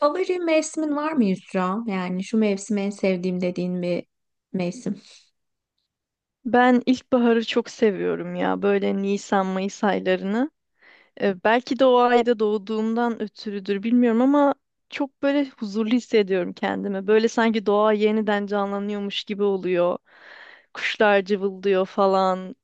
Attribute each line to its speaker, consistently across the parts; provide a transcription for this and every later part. Speaker 1: Favori mevsimin var mı Yusra? Yani şu mevsimi en sevdiğim dediğin bir mevsim.
Speaker 2: Ben ilkbaharı çok seviyorum ya. Böyle Nisan, Mayıs aylarını. Belki de o ayda doğduğumdan ötürüdür bilmiyorum ama çok böyle huzurlu hissediyorum kendimi. Böyle sanki doğa yeniden canlanıyormuş gibi oluyor. Kuşlar cıvıldıyor falan.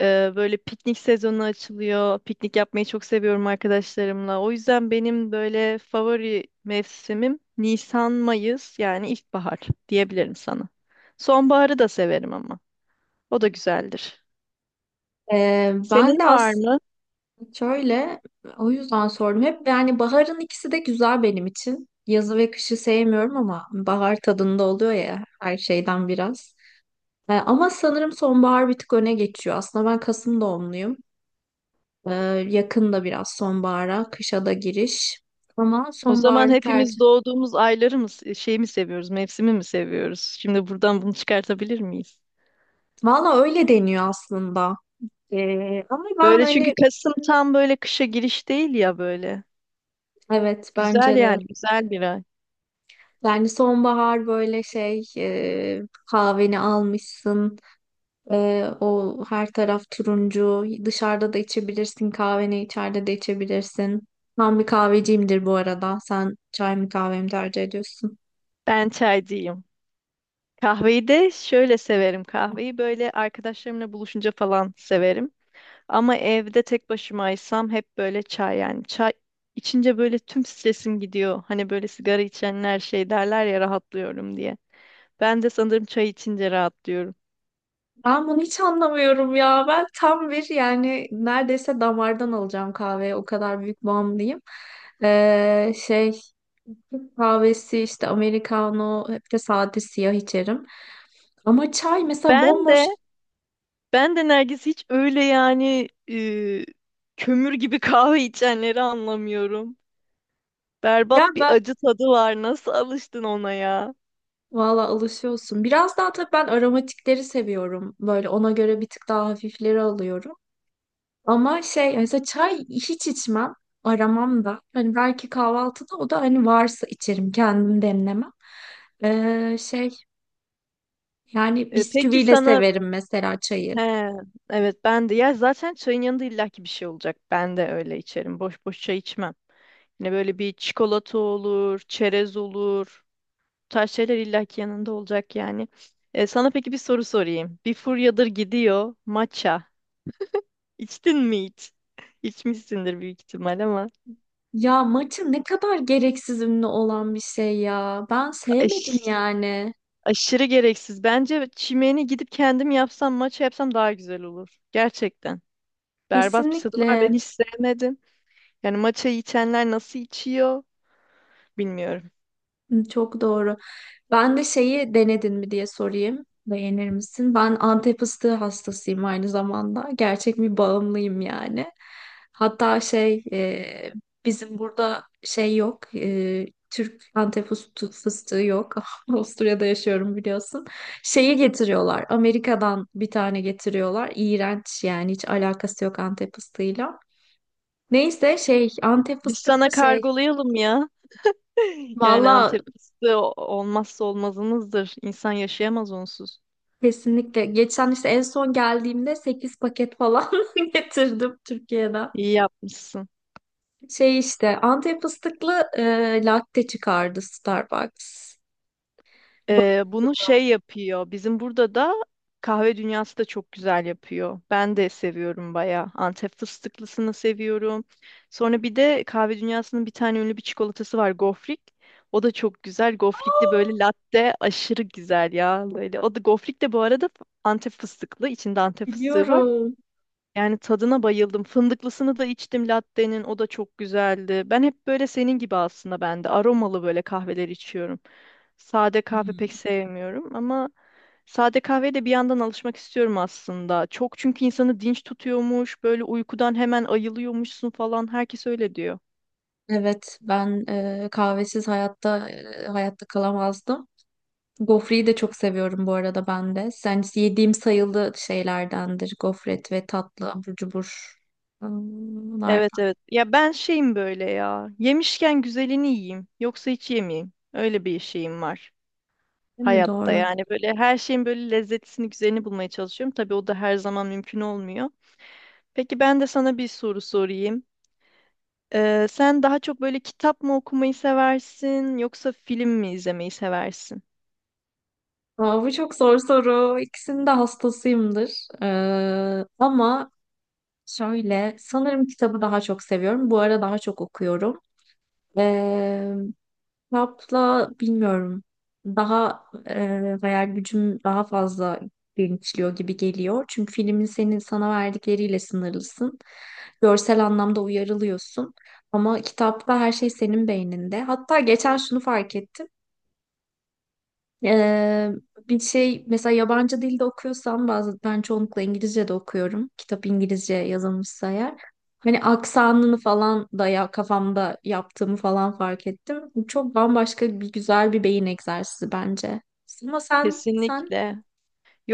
Speaker 2: Böyle piknik sezonu açılıyor. Piknik yapmayı çok seviyorum arkadaşlarımla. O yüzden benim böyle favori mevsimim Nisan, Mayıs yani ilkbahar diyebilirim sana. Sonbaharı da severim ama. O da güzeldir.
Speaker 1: Ben de
Speaker 2: Senin var
Speaker 1: aslında
Speaker 2: mı?
Speaker 1: şöyle o yüzden sordum. Hep yani baharın ikisi de güzel benim için. Yazı ve kışı sevmiyorum ama bahar tadında oluyor ya her şeyden biraz. Ama sanırım sonbahar bir tık öne geçiyor. Aslında ben Kasım doğumluyum. Ee, Yakında biraz sonbahara, kışa da giriş. Ama
Speaker 2: O zaman
Speaker 1: sonbaharı
Speaker 2: hepimiz
Speaker 1: tercih.
Speaker 2: doğduğumuz ayları mı, şey mi seviyoruz, mevsimi mi seviyoruz? Şimdi buradan bunu çıkartabilir miyiz?
Speaker 1: Valla öyle deniyor aslında. Ama ben
Speaker 2: Böyle çünkü
Speaker 1: hani.
Speaker 2: Kasım tam böyle kışa giriş değil ya böyle.
Speaker 1: Evet,
Speaker 2: Güzel
Speaker 1: bence de.
Speaker 2: yani, güzel bir ay.
Speaker 1: Yani sonbahar böyle şey kahveni almışsın. E, O her taraf turuncu. Dışarıda da içebilirsin kahveni, içeride de içebilirsin. Ben bir kahveciyimdir bu arada. Sen çay mı kahve mi tercih ediyorsun?
Speaker 2: Ben çaycıyım. Kahveyi de şöyle severim. Kahveyi böyle arkadaşlarımla buluşunca falan severim. Ama evde tek başımaysam hep böyle çay yani. Çay içince böyle tüm stresim gidiyor. Hani böyle sigara içenler şey derler ya rahatlıyorum diye. Ben de sanırım çay içince rahatlıyorum.
Speaker 1: Ben bunu hiç anlamıyorum ya. Ben tam bir yani, neredeyse damardan alacağım kahveye. O kadar büyük bağımlıyım. Şey, Türk kahvesi işte, Americano, hep de sade siyah içerim. Ama çay mesela
Speaker 2: Ben de
Speaker 1: bomboş.
Speaker 2: ben de Nergis hiç öyle yani kömür gibi kahve içenleri anlamıyorum.
Speaker 1: Ya
Speaker 2: Berbat bir
Speaker 1: ben
Speaker 2: acı tadı var. Nasıl alıştın ona ya?
Speaker 1: valla alışıyorsun. Biraz daha tabii ben aromatikleri seviyorum. Böyle ona göre bir tık daha hafifleri alıyorum. Ama şey, mesela çay hiç içmem. Aramam da. Hani belki kahvaltıda, o da hani varsa içerim. Kendim demlemem. Şey yani,
Speaker 2: E, peki
Speaker 1: bisküviyle
Speaker 2: sana
Speaker 1: severim mesela çayı.
Speaker 2: he evet ben de ya zaten çayın yanında illaki bir şey olacak. Ben de öyle içerim. Boş boş çay içmem. Yine böyle bir çikolata olur, çerez olur. Bu tarz şeyler illaki yanında olacak yani. E, sana peki bir soru sorayım. Bir furyadır gidiyor matcha. İçtin mi hiç? İçmişsindir büyük ihtimal ama
Speaker 1: Ya maçı ne kadar gereksiz ünlü olan bir şey ya. Ben sevmedim
Speaker 2: aş-
Speaker 1: yani.
Speaker 2: aşırı gereksiz. Bence çimeni gidip kendim yapsam, maça yapsam daha güzel olur. Gerçekten. Berbat bir tadı var. Ben
Speaker 1: Kesinlikle.
Speaker 2: hiç sevmedim. Yani maçayı içenler nasıl içiyor bilmiyorum.
Speaker 1: Hı, çok doğru. Ben de şeyi denedin mi diye sorayım. Beğenir misin? Ben Antep fıstığı hastasıyım aynı zamanda. Gerçek bir bağımlıyım yani. Hatta şey bizim burada şey yok. Türk Antep fıstığı yok. Avusturya'da yaşıyorum biliyorsun. Şeyi getiriyorlar. Amerika'dan bir tane getiriyorlar. İğrenç yani, hiç alakası yok Antep fıstığıyla. Neyse, şey, Antep
Speaker 2: Biz sana
Speaker 1: fıstıklı şey.
Speaker 2: kargolayalım ya. Yani
Speaker 1: Valla.
Speaker 2: Antep fıstığı olmazsa olmazımızdır. İnsan yaşayamaz onsuz.
Speaker 1: Kesinlikle. Geçen işte en son geldiğimde 8 paket falan getirdim Türkiye'den.
Speaker 2: İyi yapmışsın.
Speaker 1: Şey işte Antep fıstıklı latte çıkardı Starbucks. Bak-
Speaker 2: Bunu şey yapıyor. Bizim burada da kahve dünyası da çok güzel yapıyor. Ben de seviyorum bayağı. Antep fıstıklısını seviyorum. Sonra bir de kahve dünyasının bir tane ünlü bir çikolatası var. Gofrik. O da çok güzel. Gofrikli böyle latte aşırı güzel ya. Böyle. O da gofrik de bu arada Antep fıstıklı. İçinde Antep fıstığı var.
Speaker 1: Biliyorum.
Speaker 2: Yani tadına bayıldım. Fındıklısını da içtim latte'nin. O da çok güzeldi. Ben hep böyle senin gibi aslında ben de aromalı böyle kahveler içiyorum. Sade kahve pek
Speaker 1: Hmm.
Speaker 2: sevmiyorum ama sade kahveye de bir yandan alışmak istiyorum aslında. Çok çünkü insanı dinç tutuyormuş, böyle uykudan hemen ayılıyormuşsun falan. Herkes öyle diyor.
Speaker 1: Evet, ben kahvesiz hayatta hayatta kalamazdım. Gofreyi de çok seviyorum bu arada ben de. Sen yediğim sayılı şeylerdendir. Gofret ve tatlı abur cubur. Hmm, bunlar
Speaker 2: Evet, evet. Ya ben şeyim böyle ya. Yemişken güzelini yiyeyim. Yoksa hiç yemeyeyim. Öyle bir şeyim var
Speaker 1: değil mi?
Speaker 2: hayatta
Speaker 1: Doğru.
Speaker 2: yani. Böyle her şeyin böyle lezzetini, güzelini bulmaya çalışıyorum. Tabii o da her zaman mümkün olmuyor. Peki ben de sana bir soru sorayım. Sen daha çok böyle kitap mı okumayı seversin yoksa film mi izlemeyi seversin?
Speaker 1: Aa, bu çok zor soru. İkisinin de hastasıyımdır. Ama şöyle, sanırım kitabı daha çok seviyorum. Bu ara daha çok okuyorum. Ee, Kitapla bilmiyorum. Daha hayal gücüm daha fazla genişliyor gibi geliyor. Çünkü filmin senin sana verdikleriyle sınırlısın. Görsel anlamda uyarılıyorsun. Ama kitapta her şey senin beyninde. Hatta geçen şunu fark ettim. Ee, Bir şey mesela, yabancı dilde okuyorsam bazı, ben çoğunlukla İngilizce de okuyorum. Kitap İngilizce yazılmışsa eğer. Hani aksanını falan da ya, kafamda yaptığımı falan fark ettim. Bu çok bambaşka, bir güzel bir beyin egzersizi bence. Ama sen sen
Speaker 2: Kesinlikle.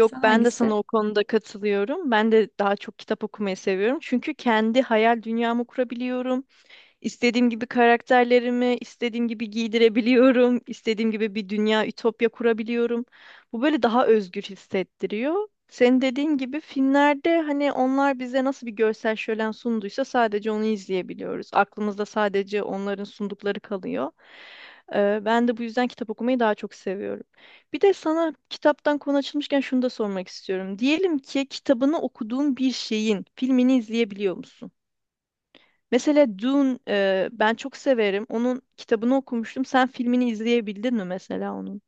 Speaker 1: sen
Speaker 2: ben de
Speaker 1: hangisi?
Speaker 2: sana o konuda katılıyorum. Ben de daha çok kitap okumayı seviyorum. Çünkü kendi hayal dünyamı kurabiliyorum. İstediğim gibi karakterlerimi istediğim gibi giydirebiliyorum. İstediğim gibi bir dünya, ütopya kurabiliyorum. Bu böyle daha özgür hissettiriyor. Senin dediğin gibi filmlerde hani onlar bize nasıl bir görsel şölen sunduysa sadece onu izleyebiliyoruz. Aklımızda sadece onların sundukları kalıyor. Ben de bu yüzden kitap okumayı daha çok seviyorum. Bir de sana kitaptan konu açılmışken şunu da sormak istiyorum. Diyelim ki kitabını okuduğun bir şeyin filmini izleyebiliyor musun? Mesela Dune ben çok severim. Onun kitabını okumuştum. Sen filmini izleyebildin mi mesela onun?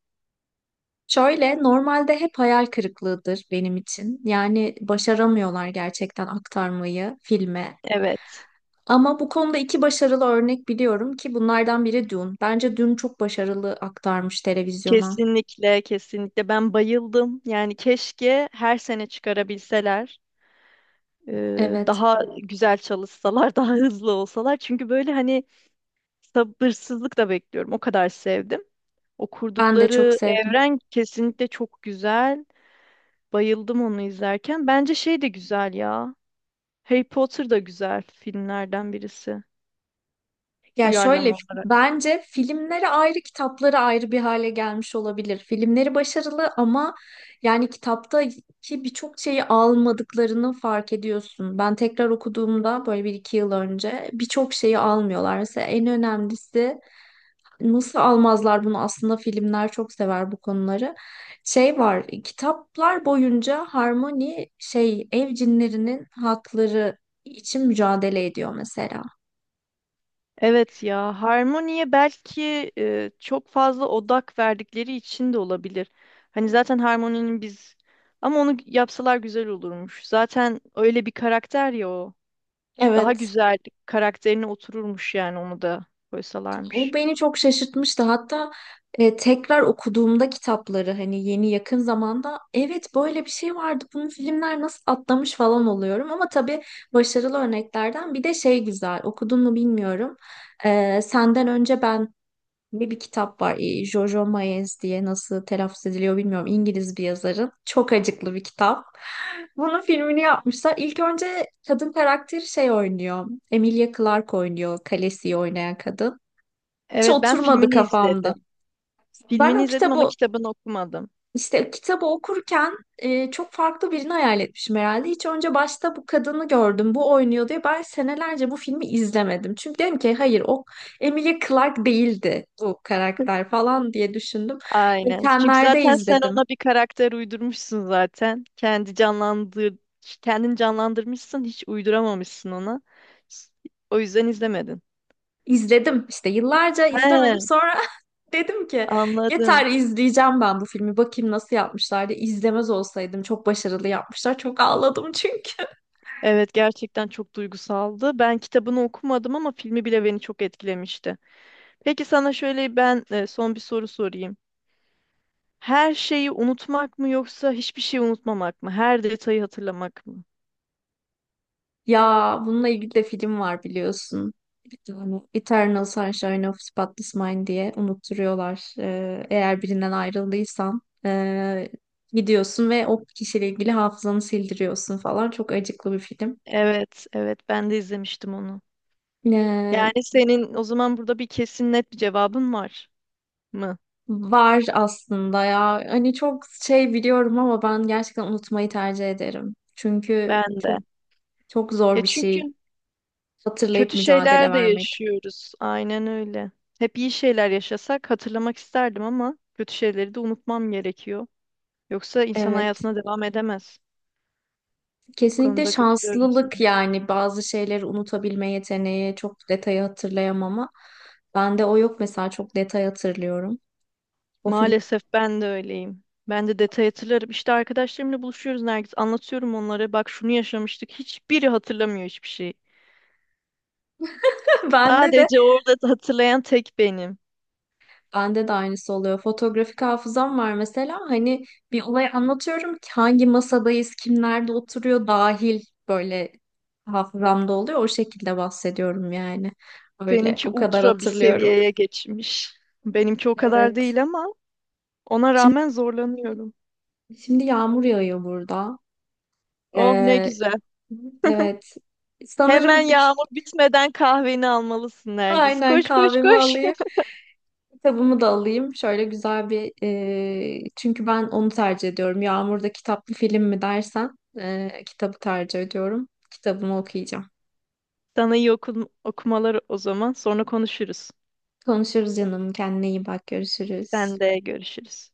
Speaker 1: Şöyle, normalde hep hayal kırıklığıdır benim için. Yani başaramıyorlar gerçekten aktarmayı filme.
Speaker 2: Evet.
Speaker 1: Ama bu konuda iki başarılı örnek biliyorum ki bunlardan biri Dune. Bence Dune çok başarılı aktarmış televizyona.
Speaker 2: Kesinlikle, kesinlikle. Ben bayıldım. Yani keşke her sene çıkarabilseler. e,
Speaker 1: Evet,
Speaker 2: daha güzel çalışsalar, daha hızlı olsalar. Çünkü böyle hani sabırsızlıkla bekliyorum. O kadar sevdim. O
Speaker 1: ben de çok
Speaker 2: kurdukları
Speaker 1: sevdim.
Speaker 2: evren kesinlikle çok güzel. Bayıldım onu izlerken. Bence şey de güzel ya. Harry Potter da güzel filmlerden birisi.
Speaker 1: Ya şöyle,
Speaker 2: Uyarlama
Speaker 1: bence filmleri ayrı, kitapları ayrı bir hale gelmiş olabilir. Filmleri başarılı ama yani kitaptaki birçok şeyi almadıklarını fark ediyorsun. Ben tekrar okuduğumda, böyle bir iki yıl önce, birçok şeyi almıyorlar. Mesela en önemlisi. Nasıl almazlar bunu? Aslında filmler çok sever bu konuları. Şey var, kitaplar boyunca Harmony şey ev cinlerinin hakları için mücadele ediyor mesela.
Speaker 2: evet ya, harmoniye belki çok fazla odak verdikleri için de olabilir. Hani zaten harmoninin biz ama onu yapsalar güzel olurmuş. Zaten öyle bir karakter ya o. Daha
Speaker 1: Evet,
Speaker 2: güzel karakterine otururmuş yani onu da
Speaker 1: o
Speaker 2: koysalarmış.
Speaker 1: beni çok şaşırtmıştı. Hatta tekrar okuduğumda kitapları, hani yeni yakın zamanda, evet böyle bir şey vardı. Bunu filmler nasıl atlamış falan oluyorum. Ama tabii başarılı örneklerden bir de şey güzel. Okudun mu bilmiyorum. Senden Önce Ben Ne bir kitap var. Jojo Moyes diye, nasıl telaffuz ediliyor bilmiyorum. İngiliz bir yazarın. Çok acıklı bir kitap. Bunun filmini yapmışlar. İlk önce kadın karakteri şey oynuyor. Emilia Clarke oynuyor. Khaleesi'yi oynayan kadın. Hiç
Speaker 2: Evet, ben
Speaker 1: oturmadı
Speaker 2: filmini
Speaker 1: kafamda.
Speaker 2: izledim.
Speaker 1: Ben
Speaker 2: Filmini
Speaker 1: o
Speaker 2: izledim ama
Speaker 1: kitabı
Speaker 2: kitabını okumadım.
Speaker 1: işte, kitabı okurken çok farklı birini hayal etmişim herhalde. Hiç önce başta bu kadını gördüm, bu oynuyor diye ben senelerce bu filmi izlemedim. Çünkü dedim ki, hayır, o Emilia Clarke değildi bu karakter falan diye düşündüm.
Speaker 2: Aynen. Çünkü
Speaker 1: Geçenlerde
Speaker 2: zaten sen
Speaker 1: izledim.
Speaker 2: ona bir karakter uydurmuşsun zaten. Kendin canlandırmışsın, hiç uyduramamışsın ona. S- O yüzden izlemedin.
Speaker 1: İzledim işte, yıllarca izlemedim,
Speaker 2: He,
Speaker 1: sonra dedim ki
Speaker 2: anladım.
Speaker 1: yeter, izleyeceğim ben bu filmi, bakayım nasıl yapmışlar diye. İzlemez olsaydım, çok başarılı yapmışlar, çok ağladım çünkü.
Speaker 2: Evet, gerçekten çok duygusaldı. Ben kitabını okumadım ama filmi bile beni çok etkilemişti. Peki sana şöyle ben son bir soru sorayım. Her şeyi unutmak mı yoksa hiçbir şeyi unutmamak mı? Her detayı hatırlamak mı?
Speaker 1: Ya bununla ilgili de film var biliyorsun. Bir tane. Eternal Sunshine of Spotless Mind diye unutturuyorlar. Eğer birinden ayrıldıysan gidiyorsun ve o kişiyle ilgili hafızanı sildiriyorsun falan. Çok acıklı bir film.
Speaker 2: Evet, evet, ben de izlemiştim onu.
Speaker 1: Ee,
Speaker 2: Yani senin o zaman burada bir kesin net bir cevabın var mı?
Speaker 1: Var aslında ya. Hani çok şey biliyorum ama ben gerçekten unutmayı tercih ederim. Çünkü
Speaker 2: Ben de.
Speaker 1: çok çok zor
Speaker 2: E
Speaker 1: bir
Speaker 2: çünkü
Speaker 1: şey, hatırlayıp
Speaker 2: kötü
Speaker 1: mücadele
Speaker 2: şeyler de
Speaker 1: vermek.
Speaker 2: yaşıyoruz. Aynen öyle. Hep iyi şeyler yaşasak hatırlamak isterdim ama kötü şeyleri de unutmam gerekiyor. Yoksa insan
Speaker 1: Evet.
Speaker 2: hayatına devam edemez. Bu
Speaker 1: Kesinlikle
Speaker 2: konuda katılıyorum sana.
Speaker 1: şanslılık yani bazı şeyleri unutabilme yeteneği, çok detayı hatırlayamama. Bende o yok mesela, çok detay hatırlıyorum. O film
Speaker 2: Maalesef ben de öyleyim. Ben de detay hatırlarım. İşte arkadaşlarımla buluşuyoruz Nergis. Anlatıyorum onlara. Bak şunu yaşamıştık. Hiçbiri hatırlamıyor hiçbir şeyi.
Speaker 1: bende de
Speaker 2: Sadece orada hatırlayan tek benim.
Speaker 1: bende de aynısı oluyor. Fotoğrafik hafızam var mesela, hani bir olayı anlatıyorum ki hangi masadayız, kimlerde oturuyor dahil, böyle hafızamda oluyor. O şekilde bahsediyorum yani. Öyle
Speaker 2: Seninki
Speaker 1: o kadar
Speaker 2: ultra bir
Speaker 1: hatırlıyorum.
Speaker 2: seviyeye geçmiş. Benimki o kadar
Speaker 1: Evet.
Speaker 2: değil ama ona
Speaker 1: Şimdi
Speaker 2: rağmen zorlanıyorum.
Speaker 1: şimdi yağmur yağıyor burada.
Speaker 2: Oh ne
Speaker 1: Ee,
Speaker 2: güzel.
Speaker 1: Evet.
Speaker 2: Hemen
Speaker 1: Sanırım bir,
Speaker 2: yağmur bitmeden kahveni almalısın Nergis.
Speaker 1: aynen,
Speaker 2: Koş koş
Speaker 1: kahvemi
Speaker 2: koş.
Speaker 1: alayım. Kitabımı da alayım. Şöyle güzel bir çünkü ben onu tercih ediyorum. Yağmurda kitaplı film mi dersen, kitabı tercih ediyorum. Kitabımı okuyacağım.
Speaker 2: Sana iyi okul okumaları o zaman. Sonra konuşuruz.
Speaker 1: Konuşuruz canım. Kendine iyi bak. Görüşürüz.
Speaker 2: Sen de görüşürüz.